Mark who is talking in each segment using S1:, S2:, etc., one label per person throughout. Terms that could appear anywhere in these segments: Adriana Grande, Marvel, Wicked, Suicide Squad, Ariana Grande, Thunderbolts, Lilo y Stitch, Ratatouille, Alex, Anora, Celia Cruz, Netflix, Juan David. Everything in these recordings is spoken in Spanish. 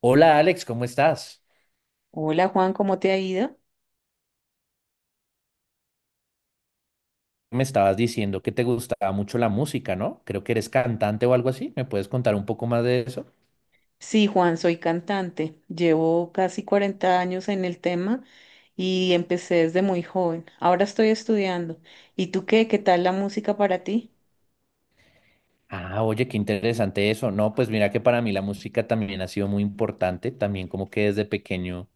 S1: Hola Alex, ¿cómo estás?
S2: Hola Juan, ¿cómo te ha ido?
S1: Me estabas diciendo que te gustaba mucho la música, ¿no? Creo que eres cantante o algo así. ¿Me puedes contar un poco más de eso?
S2: Sí, Juan, soy cantante. Llevo casi 40 años en el tema y empecé desde muy joven. Ahora estoy estudiando. ¿Y tú qué? ¿Qué tal la música para ti?
S1: Ah, oye, qué interesante eso. No, pues mira que para mí la música también ha sido muy importante. También como que desde pequeño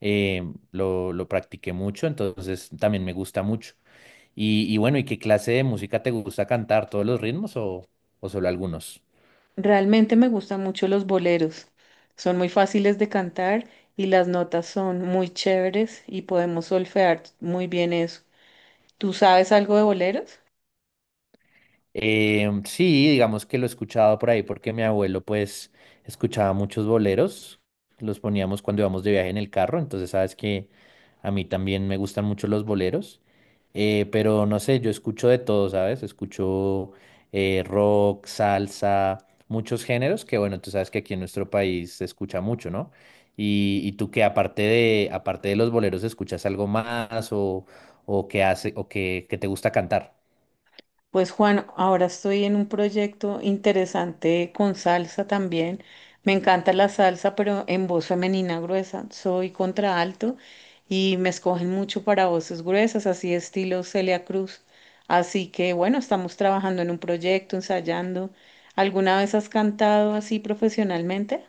S1: eh, lo practiqué mucho, entonces también me gusta mucho. Y bueno, ¿y qué clase de música te gusta cantar? ¿Todos los ritmos o solo algunos?
S2: Realmente me gustan mucho los boleros. Son muy fáciles de cantar y las notas son muy chéveres y podemos solfear muy bien eso. ¿Tú sabes algo de boleros?
S1: Sí, digamos que lo he escuchado por ahí porque mi abuelo pues escuchaba muchos boleros, los poníamos cuando íbamos de viaje en el carro, entonces sabes que a mí también me gustan mucho los boleros, pero no sé, yo escucho de todo, ¿sabes? Escucho rock, salsa, muchos géneros que bueno, tú sabes que aquí en nuestro país se escucha mucho, ¿no? Y tú que aparte de los boleros, ¿escuchas algo más o qué hace o qué te gusta cantar?
S2: Pues Juan, ahora estoy en un proyecto interesante con salsa también. Me encanta la salsa, pero en voz femenina gruesa. Soy contraalto y me escogen mucho para voces gruesas, así estilo Celia Cruz. Así que bueno, estamos trabajando en un proyecto, ensayando. ¿Alguna vez has cantado así profesionalmente?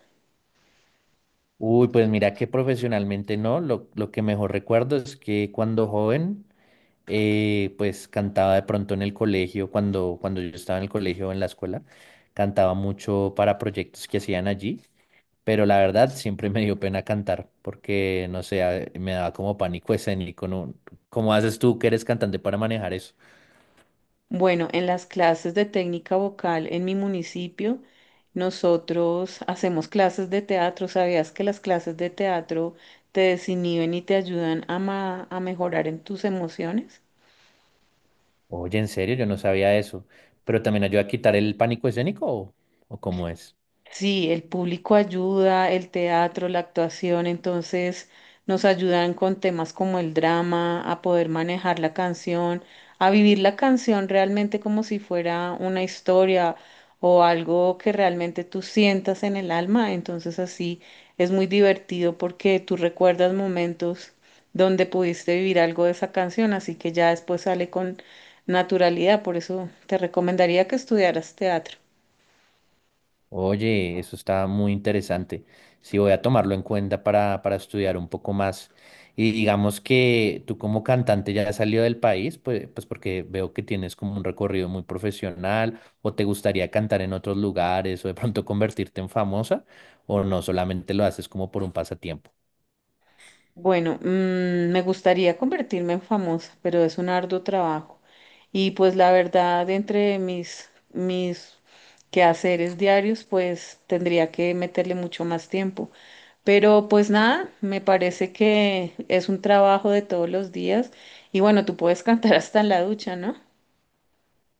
S1: Uy, pues mira que profesionalmente no, lo que mejor recuerdo es que cuando joven, pues cantaba de pronto en el colegio, cuando yo estaba en el colegio o en la escuela, cantaba mucho para proyectos que hacían allí, pero la verdad siempre me dio pena cantar porque, no sé, me daba como pánico escénico, ¿no? ¿Cómo haces tú que eres cantante para manejar eso?
S2: Bueno, en las clases de técnica vocal en mi municipio, nosotros hacemos clases de teatro. ¿Sabías que las clases de teatro te desinhiben y te ayudan a, a mejorar en tus emociones?
S1: Oye, en serio, yo no sabía eso, pero también ayuda a quitar el pánico escénico o cómo es.
S2: Sí, el público ayuda, el teatro, la actuación, entonces nos ayudan con temas como el drama, a poder manejar la canción, a vivir la canción realmente como si fuera una historia o algo que realmente tú sientas en el alma. Entonces así es muy divertido porque tú recuerdas momentos donde pudiste vivir algo de esa canción, así que ya después sale con naturalidad. Por eso te recomendaría que estudiaras teatro.
S1: Oye, eso está muy interesante. Sí, voy a tomarlo en cuenta para estudiar un poco más. Y digamos que tú como cantante ya has salido del país, pues porque veo que tienes como un recorrido muy profesional, o te gustaría cantar en otros lugares, o de pronto convertirte en famosa, o no, solamente lo haces como por un pasatiempo.
S2: Bueno, mm, me gustaría convertirme en famosa, pero es un arduo trabajo. Y pues la verdad, entre mis quehaceres diarios, pues tendría que meterle mucho más tiempo. Pero pues nada, me parece que es un trabajo de todos los días. Y bueno, tú puedes cantar hasta en la ducha, ¿no?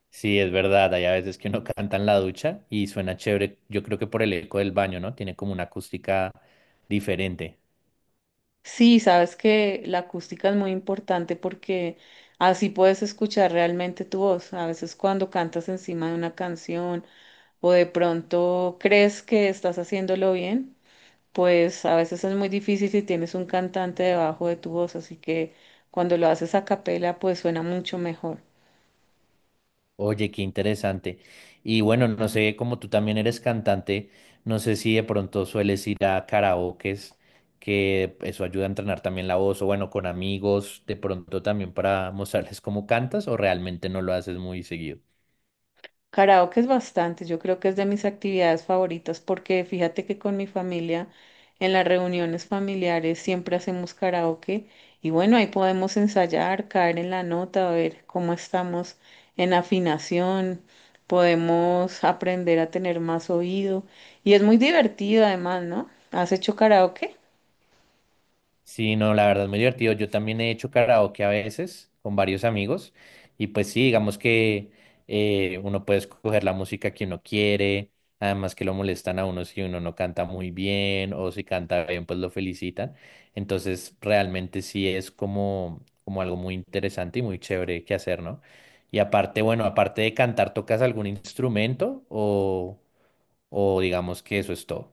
S1: Sí, es verdad, hay a veces que uno canta en la ducha y suena chévere, yo creo que por el eco del baño, ¿no? Tiene como una acústica diferente.
S2: Sí, sabes que la acústica es muy importante porque así puedes escuchar realmente tu voz. A veces cuando cantas encima de una canción o de pronto crees que estás haciéndolo bien, pues a veces es muy difícil si tienes un cantante debajo de tu voz, así que cuando lo haces a capela, pues suena mucho mejor.
S1: Oye, qué interesante. Y bueno, no sé, como tú también eres cantante, no sé si de pronto sueles ir a karaokes, que eso ayuda a entrenar también la voz, o bueno, con amigos, de pronto también para mostrarles cómo cantas, o realmente no lo haces muy seguido.
S2: Karaoke es bastante, yo creo que es de mis actividades favoritas porque fíjate que con mi familia en las reuniones familiares siempre hacemos karaoke y bueno, ahí podemos ensayar, caer en la nota, a ver cómo estamos en afinación, podemos aprender a tener más oído y es muy divertido además, ¿no? ¿Has hecho karaoke?
S1: Sí, no, la verdad es muy divertido. Yo también he hecho karaoke a veces con varios amigos y pues sí, digamos que uno puede escoger la música que uno quiere, además que lo molestan a uno si uno no canta muy bien o si canta bien, pues lo felicitan. Entonces, realmente sí es como algo muy interesante y muy chévere que hacer, ¿no? Y aparte, bueno, aparte de cantar, ¿tocas algún instrumento o digamos que eso es todo?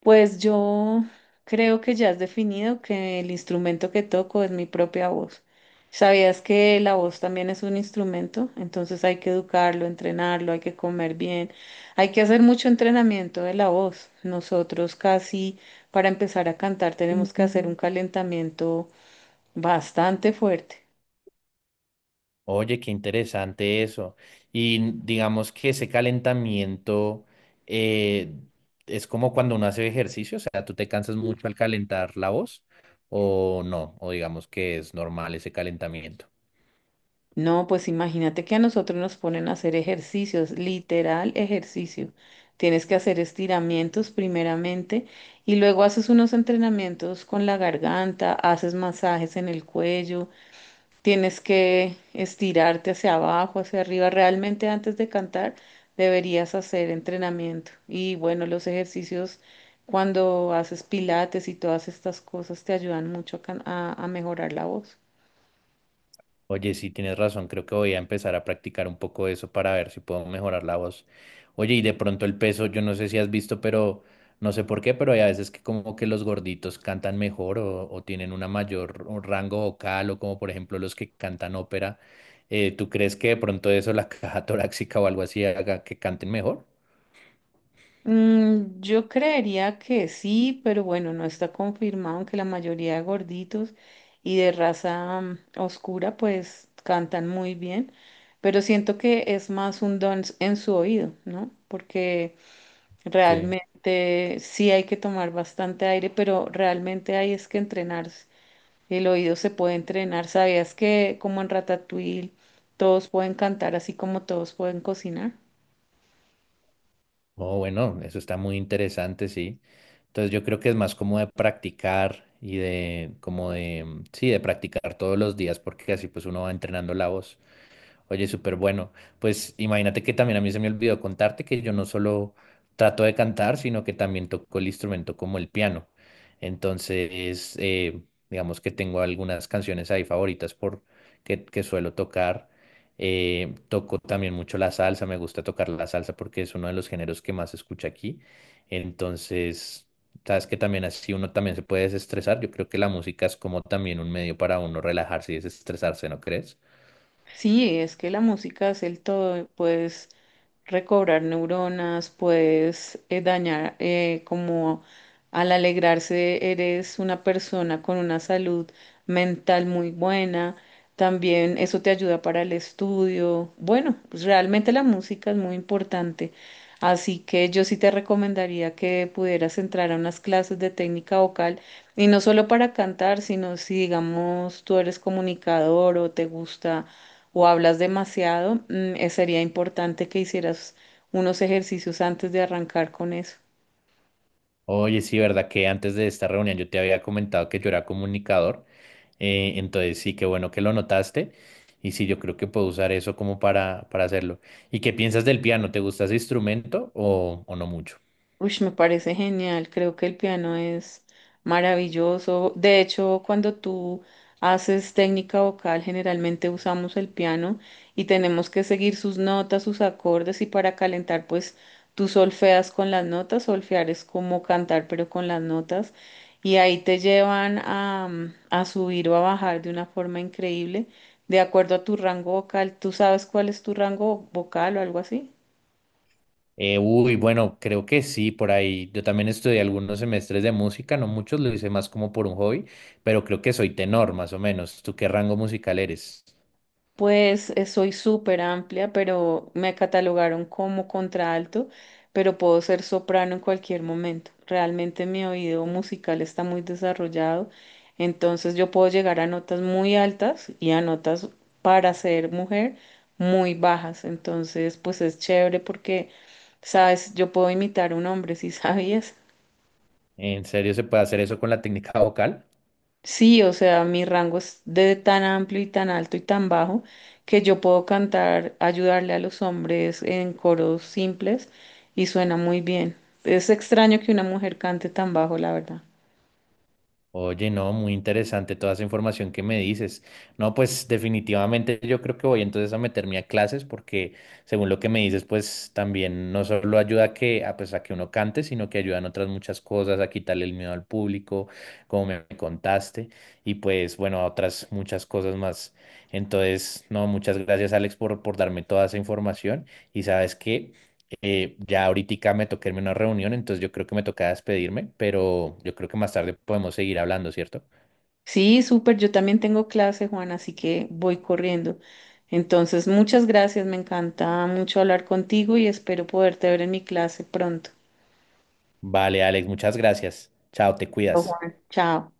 S2: Pues yo creo que ya has definido que el instrumento que toco es mi propia voz. ¿Sabías que la voz también es un instrumento? Entonces hay que educarlo, entrenarlo, hay que comer bien, hay que hacer mucho entrenamiento de la voz. Nosotros casi para empezar a cantar tenemos que hacer un calentamiento bastante fuerte.
S1: Oye, qué interesante eso. Y digamos que ese calentamiento eh, es como cuando uno hace ejercicio, o sea, ¿tú te cansas mucho al calentar la voz o no? O digamos que es normal ese calentamiento.
S2: No, pues imagínate que a nosotros nos ponen a hacer ejercicios, literal ejercicio. Tienes que hacer estiramientos primeramente y luego haces unos entrenamientos con la garganta, haces masajes en el cuello, tienes que estirarte hacia abajo, hacia arriba. Realmente antes de cantar deberías hacer entrenamiento. Y bueno, los ejercicios cuando haces pilates y todas estas cosas te ayudan mucho a a mejorar la voz.
S1: Oye, sí, tienes razón, creo que voy a empezar a practicar un poco eso para ver si puedo mejorar la voz. Oye, y de pronto el peso, yo no sé si has visto, pero no sé por qué, pero hay a veces que como que los gorditos cantan mejor o tienen una mayor un rango vocal o como por ejemplo los que cantan ópera. ¿Tú crees que de pronto eso, la caja torácica o algo así, haga que canten mejor?
S2: Mm, yo creería que sí, pero bueno, no está confirmado, aunque la mayoría de gorditos y de raza oscura pues cantan muy bien, pero siento que es más un don en su oído, ¿no? Porque
S1: Sí.
S2: realmente sí hay que tomar bastante aire, pero realmente hay es que entrenarse. El oído se puede entrenar. ¿Sabías que como en Ratatouille todos pueden cantar así como todos pueden cocinar?
S1: Oh, bueno, eso está muy interesante, sí. Entonces yo creo que es más como de practicar y como de, mm, sí, de practicar todos los días porque así pues uno va entrenando la voz. Oye, súper bueno. Pues imagínate que también a mí se me olvidó contarte que yo no solo trato de cantar, sino que también toco el instrumento como el piano. Entonces, digamos que tengo algunas canciones ahí favoritas que suelo tocar. Toco también mucho la salsa, me gusta tocar la salsa porque es uno de los géneros que más se escucha aquí. Entonces, sabes que también así uno también se puede desestresar. Yo creo que la música es como también un medio para uno relajarse y desestresarse, ¿no crees?
S2: Sí, es que la música es el todo, puedes recobrar neuronas, puedes dañar, como al alegrarse eres una persona con una salud mental muy buena, también eso te ayuda para el estudio. Bueno, pues realmente la música es muy importante. Así que yo sí te recomendaría que pudieras entrar a unas clases de técnica vocal y no solo para cantar, sino si digamos tú eres comunicador o te gusta o hablas demasiado, sería importante que hicieras unos ejercicios antes de arrancar con eso.
S1: Oye, sí, verdad que antes de esta reunión yo te había comentado que yo era comunicador, entonces sí, qué bueno que lo notaste y sí, yo creo que puedo usar eso como para hacerlo. ¿Y qué piensas del piano? ¿Te gusta ese instrumento o no mucho?
S2: Uy, me parece genial, creo que el piano es maravilloso. De hecho, cuando tú haces técnica vocal, generalmente usamos el piano y tenemos que seguir sus notas, sus acordes y para calentar, pues tú solfeas con las notas, solfear es como cantar, pero con las notas y ahí te llevan a, a subir o a bajar de una forma increíble, de acuerdo a tu rango vocal. ¿Tú sabes cuál es tu rango vocal o algo así?
S1: Uy, bueno, creo que sí, por ahí. Yo también estudié algunos semestres de música, no muchos, lo hice más como por un hobby, pero creo que soy tenor, más o menos. ¿Tú qué rango musical eres?
S2: Pues soy súper amplia, pero me catalogaron como contralto, pero puedo ser soprano en cualquier momento. Realmente mi oído musical está muy desarrollado, entonces yo puedo llegar a notas muy altas y a notas para ser mujer muy bajas. Entonces, pues es chévere porque, sabes, yo puedo imitar a un hombre, si sabías.
S1: ¿En serio se puede hacer eso con la técnica vocal?
S2: Sí, o sea, mi rango es de tan amplio y tan alto y tan bajo que yo puedo cantar, ayudarle a los hombres en coros simples y suena muy bien. Es extraño que una mujer cante tan bajo, la verdad.
S1: Oye, no, muy interesante toda esa información que me dices. No, pues definitivamente yo creo que voy entonces a meterme a clases porque según lo que me dices, pues también no solo ayuda a que, a, pues, a que uno cante, sino que ayudan otras muchas cosas, a quitarle el miedo al público, como me contaste, y pues bueno, a otras muchas cosas más. Entonces, no, muchas gracias Alex por darme toda esa información y sabes qué, ya ahorita me toca irme a una reunión, entonces yo creo que me toca despedirme, pero yo creo que más tarde podemos seguir hablando, ¿cierto?
S2: Sí, súper, yo también tengo clase, Juan, así que voy corriendo. Entonces, muchas gracias, me encanta mucho hablar contigo y espero poderte ver en mi clase pronto.
S1: Vale, Alex, muchas gracias. Chao, te
S2: Chao,
S1: cuidas.
S2: Juan, chao.